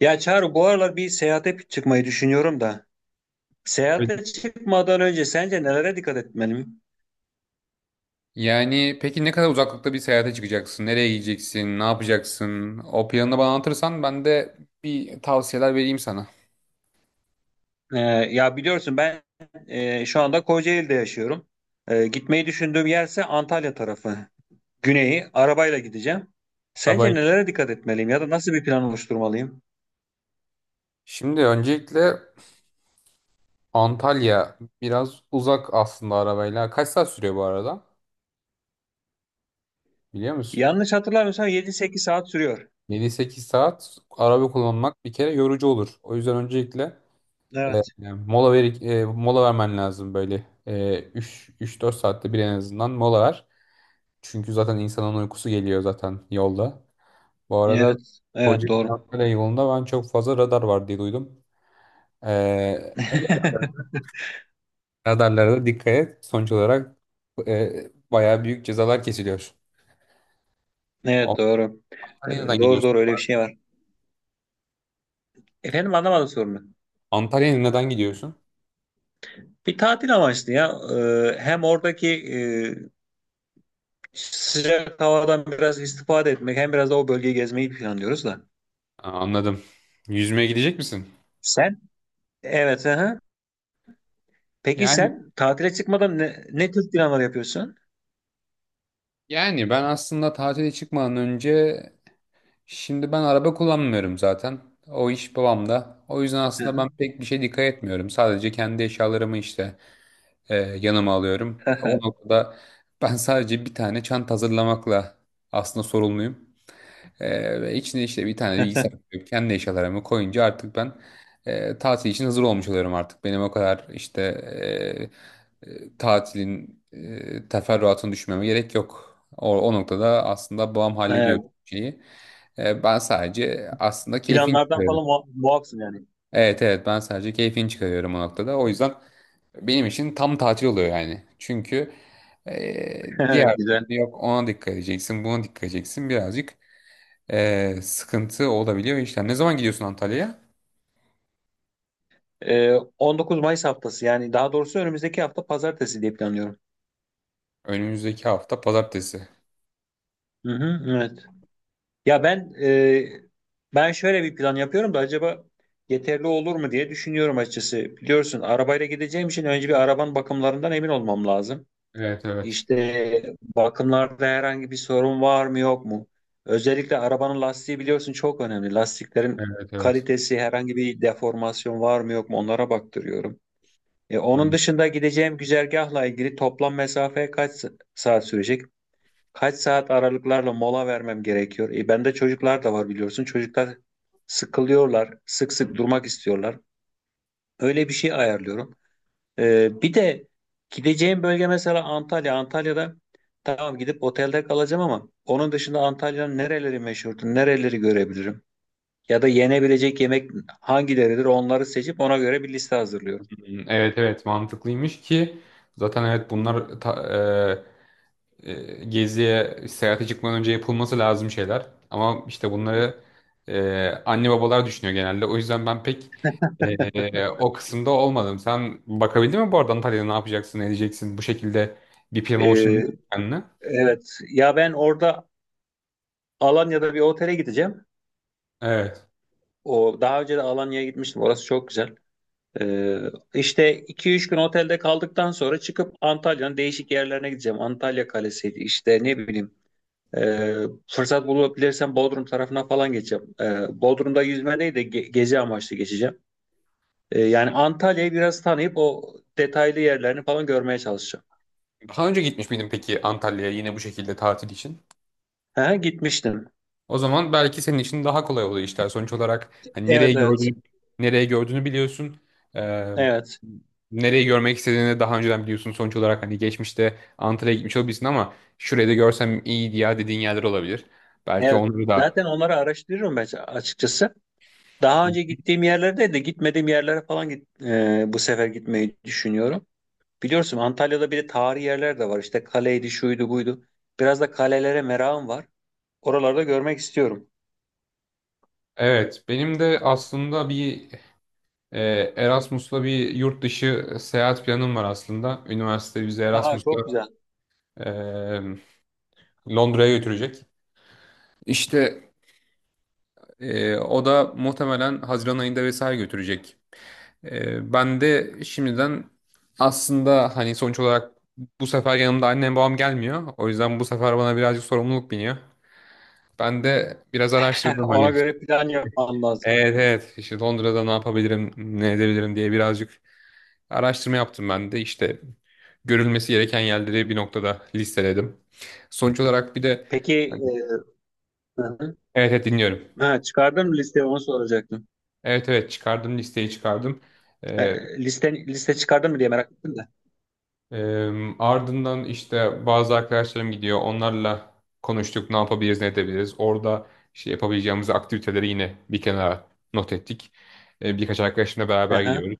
Ya Çağrı bu aralar bir seyahate çıkmayı düşünüyorum da. Evet. Seyahate çıkmadan önce sence nelere dikkat etmeliyim? Yani peki ne kadar uzaklıkta bir seyahate çıkacaksın? Nereye gideceksin? Ne yapacaksın? O planını bana anlatırsan ben de bir tavsiyeler vereyim sana. Ee, ya biliyorsun ben şu anda Kocaeli'de yaşıyorum. Gitmeyi düşündüğüm yerse Antalya tarafı. Güneyi arabayla gideceğim. Sence Arabayı. nelere dikkat etmeliyim ya da nasıl bir plan oluşturmalıyım? Şimdi öncelikle Antalya biraz uzak aslında arabayla. Kaç saat sürüyor bu arada? Biliyor musun? Yanlış hatırlamıyorsam 7-8 saat sürüyor. 7-8 saat araba kullanmak bir kere yorucu olur. O yüzden öncelikle e, Evet. mola ver, mola vermen lazım böyle. 3-4 saatte bir en azından mola ver. Çünkü zaten insanın uykusu geliyor zaten yolda. Bu arada Evet. Evet, Kocaeli doğru. Antalya yolunda ben çok fazla radar var diye duydum. Ee, radarlara da dikkat et. Sonuç olarak bayağı büyük cezalar kesiliyor. Evet, doğru. Ee, Antalya'ya neden doğru gidiyorsun doğru, bu öyle bir arada? şey var. Efendim, anlamadım sorunu. Antalya'ya neden gidiyorsun? Bir tatil amaçlı ya. Hem oradaki sıcak havadan biraz istifade etmek hem biraz da o bölgeyi gezmeyi planlıyoruz da. Aa, anladım. Yüzmeye gidecek misin? Sen? Evet. Aha. Peki Yani sen tatile çıkmadan ne tür planlar yapıyorsun? yani ben aslında tatile çıkmadan önce şimdi ben araba kullanmıyorum zaten. O iş babamda. O yüzden aslında ben pek bir şey dikkat etmiyorum. Sadece kendi eşyalarımı işte yanıma alıyorum. O noktada ben sadece bir tane çanta hazırlamakla aslında sorumluyum. Ve içine işte bir tane bilgisayar koyup kendi eşyalarımı koyunca artık ben tatil için hazır olmuş oluyorum artık. Benim o kadar işte tatilin teferruatını düşünmeme gerek yok. O noktada aslında babam Ee, hallediyor şeyi. Ben sadece aslında keyfin Planlardan çıkarıyorum. falan muafsın yani. Evet, evet, ben sadece keyfini çıkarıyorum o noktada. O yüzden benim için tam tatil oluyor yani. Çünkü diğer türlü Güzel. yok ona dikkat edeceksin buna dikkat edeceksin birazcık sıkıntı olabiliyor işler. Ne zaman gidiyorsun Antalya'ya? Ee, 19 Mayıs haftası, yani daha doğrusu önümüzdeki hafta pazartesi diye planlıyorum. Önümüzdeki hafta pazartesi. Hı hı, evet. Ya ben, ben şöyle bir plan yapıyorum da acaba yeterli olur mu diye düşünüyorum açıkçası. Biliyorsun arabayla gideceğim için önce bir arabanın bakımlarından emin olmam lazım. Evet, evet. İşte bakımlarda herhangi bir sorun var mı yok mu? Özellikle arabanın lastiği biliyorsun çok önemli. Lastiklerin Evet, evet. kalitesi, herhangi bir deformasyon var mı yok mu onlara baktırıyorum. Onun Hmm, dışında gideceğim güzergahla ilgili toplam mesafe kaç saat sürecek? Kaç saat aralıklarla mola vermem gerekiyor? Bende çocuklar da var biliyorsun. Çocuklar sıkılıyorlar, sık sık durmak istiyorlar. Öyle bir şey ayarlıyorum. Bir de gideceğim bölge mesela Antalya. Antalya'da tamam gidip otelde kalacağım ama onun dışında Antalya'nın nereleri meşhurdur, nereleri görebilirim? Ya da yenebilecek yemek hangileridir, onları seçip ona göre bir liste hazırlıyorum. evet, evet, mantıklıymış ki zaten evet bunlar e, geziye, seyahate çıkmadan önce yapılması lazım şeyler. Ama işte bunları anne babalar düşünüyor genelde. O yüzden ben pek o kısımda olmadım. Sen bakabildin mi bu arada Antalya'da ne yapacaksın, ne edeceksin? Bu şekilde bir plan E, oluşturabildin mi kendine? evet ya, ben orada Alanya'da bir otele gideceğim. Evet. O, daha önce de Alanya'ya gitmiştim. Orası çok güzel. Ee, işte 2-3 gün otelde kaldıktan sonra çıkıp Antalya'nın değişik yerlerine gideceğim. Antalya Kalesi'ydi işte, ne bileyim. Ee, Fırsat bulabilirsem Bodrum tarafına falan geçeceğim. Bodrum'da yüzme değil de gezi amaçlı geçeceğim. Yani Antalya'yı biraz tanıyıp o detaylı yerlerini falan görmeye çalışacağım. Daha önce gitmiş miydin peki Antalya'ya yine bu şekilde tatil için? Ha, gitmiştim. O zaman belki senin için daha kolay oluyor işler. Sonuç olarak hani Evet, nereye evet. gördüğünü, nereye gördüğünü biliyorsun. Ee, Evet. nereyi görmek istediğini daha önceden biliyorsun. Sonuç olarak hani geçmişte Antalya'ya gitmiş olabilirsin ama şurayı da görsem iyiydi ya dediğin yerler olabilir. Belki Evet. onları da. Zaten onları araştırıyorum ben açıkçası. Daha önce gittiğim yerlerde de gitmediğim yerlere falan git, bu sefer gitmeyi düşünüyorum. Biliyorsun Antalya'da bir de tarihi yerler de var. İşte kaleydi, şuydu, buydu. Biraz da kalelere merakım var. Oralarda görmek istiyorum. Evet, benim de aslında bir e, Erasmus'la bir yurt dışı seyahat planım var aslında. Üniversite bizi Aa, çok Erasmus'la güzel. e, Londra'ya götürecek. İşte o da muhtemelen Haziran ayında vesaire götürecek. Ben de şimdiden aslında hani sonuç olarak bu sefer yanımda annem babam gelmiyor. O yüzden bu sefer bana birazcık sorumluluk biniyor. Ben de biraz araştırdım Ona hani. göre plan yapmam lazım. Evet, evet, işte Londra'da ne yapabilirim, ne edebilirim diye birazcık araştırma yaptım ben de. İşte görülmesi gereken yerleri bir noktada listeledim. Sonuç olarak bir de Peki hani, hı hı. evet, evet, dinliyorum. Ha, çıkardın mı listeyi, onu soracaktım. Evet, evet, çıkardım listeyi çıkardım. E, Ee, liste, liste çıkardın mı diye merak ettim de. Ardından işte bazı arkadaşlarım gidiyor. Onlarla konuştuk, ne yapabiliriz, ne edebiliriz. Orada işte yapabileceğimiz aktiviteleri yine bir kenara not ettik. Birkaç arkadaşımla Hı beraber hı. gidiyoruz.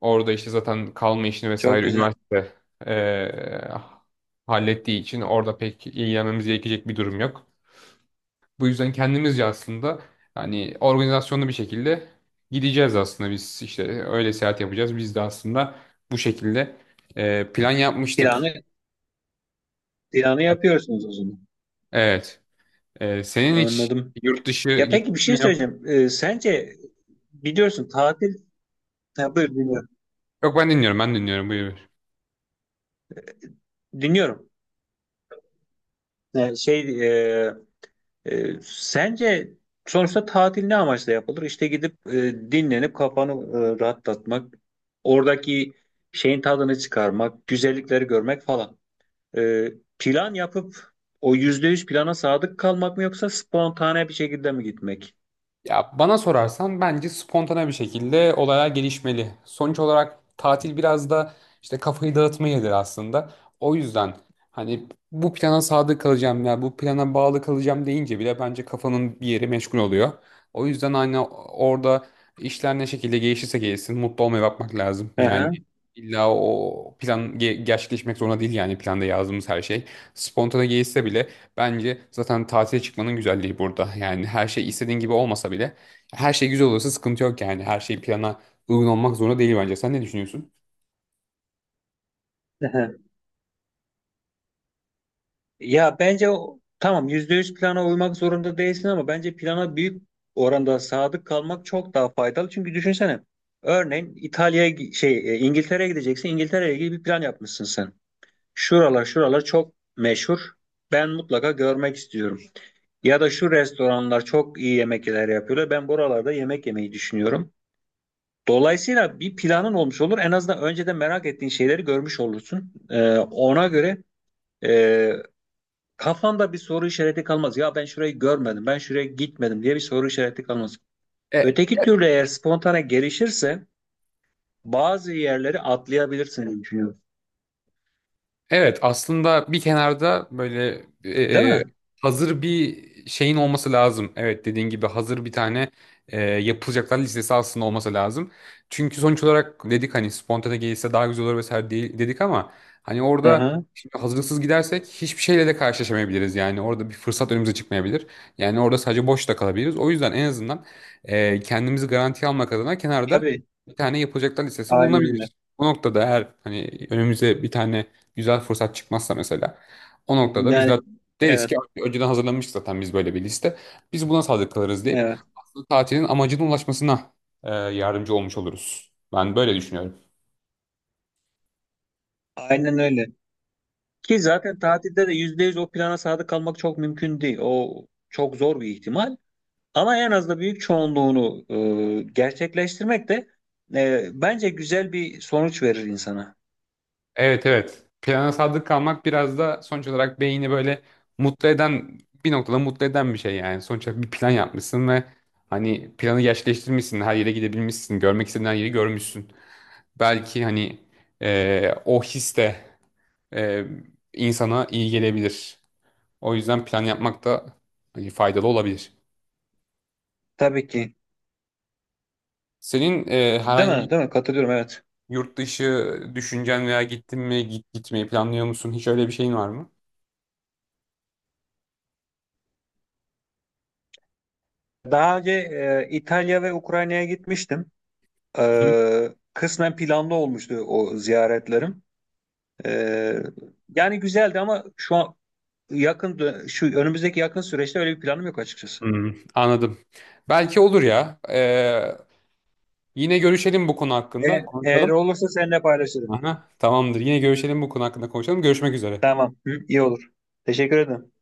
Orada işte zaten kalma işini Çok vesaire güzel. üniversite eee, hallettiği için orada pek ilgilenmemiz gerekecek bir durum yok. Bu yüzden kendimizce aslında hani organizasyonlu bir şekilde gideceğiz aslında biz işte öyle seyahat yapacağız. Biz de aslında bu şekilde plan yapmıştık. Planı, planı yapıyorsunuz o zaman. Evet. Senin hiç Anladım. yurt dışı Ya peki, bir gittin şey mi? Yok. söyleyeceğim. Sence biliyorsun tatil… Ha, buyur dinliyorum. Yok, ben dinliyorum. Ben dinliyorum. Buyur. Dinliyorum. Ee, şey e, sence sonuçta tatil ne amaçla yapılır? İşte gidip dinlenip kafanı rahatlatmak, oradaki şeyin tadını çıkarmak, güzellikleri görmek falan. E, Plan yapıp o yüzde yüz plana sadık kalmak mı yoksa spontane bir şekilde mi gitmek? Ya bana sorarsan bence spontane bir şekilde olaya gelişmeli. Sonuç olarak tatil biraz da işte kafayı dağıtma yeridir aslında. O yüzden hani bu plana sadık kalacağım ya bu plana bağlı kalacağım deyince bile bence kafanın bir yeri meşgul oluyor. O yüzden hani orada işler ne şekilde gelişirse gelişsin mutlu olmaya bakmak lazım. Yani Hı illa o plan gerçekleşmek zorunda değil yani planda yazdığımız her şey. Spontane gelişse bile bence zaten tatile çıkmanın güzelliği burada. Yani her şey istediğin gibi olmasa bile her şey güzel olursa sıkıntı yok yani. Her şey plana uygun olmak zorunda değil bence. Sen ne düşünüyorsun? hı. Ya bence tamam, %100 plana uymak zorunda değilsin ama bence plana büyük oranda sadık kalmak çok daha faydalı. Çünkü düşünsene, örneğin İtalya'ya İngiltere'ye gideceksin. İngiltere'ye ilgili bir plan yapmışsın sen. Şuralar çok meşhur. Ben mutlaka görmek istiyorum. Ya da şu restoranlar çok iyi yemekler yapıyorlar. Ben buralarda yemek yemeyi düşünüyorum. Dolayısıyla bir planın olmuş olur. En azından önceden merak ettiğin şeyleri görmüş olursun. E, Kafamda bir soru işareti kalmaz. Ya ben şurayı görmedim, ben şuraya gitmedim diye bir soru işareti kalmaz. E, Öteki türlü eğer spontane gelişirse bazı yerleri atlayabilirsin düşünüyorum. Evet, aslında bir kenarda böyle Değil e, mi? hazır bir şeyin olması lazım. Evet, dediğin gibi hazır bir tane yapılacaklar listesi aslında olması lazım. Çünkü sonuç olarak dedik hani spontane gelirse daha güzel olur vesaire dedik ama hani Hı orada hı. şimdi hazırlıksız gidersek hiçbir şeyle de karşılaşamayabiliriz. Yani orada bir fırsat önümüze çıkmayabilir. Yani orada sadece boş da kalabiliriz. O yüzden en azından kendimizi garantiye almak adına kenarda Tabii. bir tane yapılacaklar listesi Aynen öyle. bulunabilir. Bu noktada eğer hani önümüze bir tane güzel fırsat çıkmazsa mesela o noktada biz Yani de deriz evet, ki önceden hazırlanmıştık zaten biz böyle bir liste. Biz buna sadık kalırız deyip evet. aslında tatilin amacına ulaşmasına yardımcı olmuş oluruz. Ben böyle düşünüyorum. Aynen öyle. Ki zaten tatilde de %100 o plana sadık kalmak çok mümkün değil. O çok zor bir ihtimal. Ama en az da büyük çoğunluğunu gerçekleştirmek de bence güzel bir sonuç verir insana. Evet, evet. Plana sadık kalmak biraz da sonuç olarak beyni böyle mutlu eden bir noktada mutlu eden bir şey yani. Sonuç olarak bir plan yapmışsın ve hani planı gerçekleştirmişsin. Her yere gidebilmişsin. Görmek istediğin her yeri görmüşsün. Belki hani o his de e, insana iyi gelebilir. O yüzden plan yapmak da hani faydalı olabilir. Tabii ki. Senin Değil herhangi bir mi? Değil mi? Katılıyorum, evet. yurt dışı düşüncen veya gittin mi, gitmeyi planlıyor musun? Hiç öyle bir şeyin var mı? Daha önce İtalya ve Ukrayna'ya gitmiştim. Hı. Kısmen planlı olmuştu o ziyaretlerim. E, Yani güzeldi ama şu an şu önümüzdeki yakın süreçte öyle bir planım yok açıkçası. Hmm, anladım. Belki olur ya. Yine görüşelim bu konu E, hakkında. Eğer Konuşalım. olursa seninle paylaşırım. Aha, tamamdır. Yine görüşelim bu konu hakkında konuşalım. Görüşmek üzere. Tamam. Hı, iyi olur. Teşekkür ederim.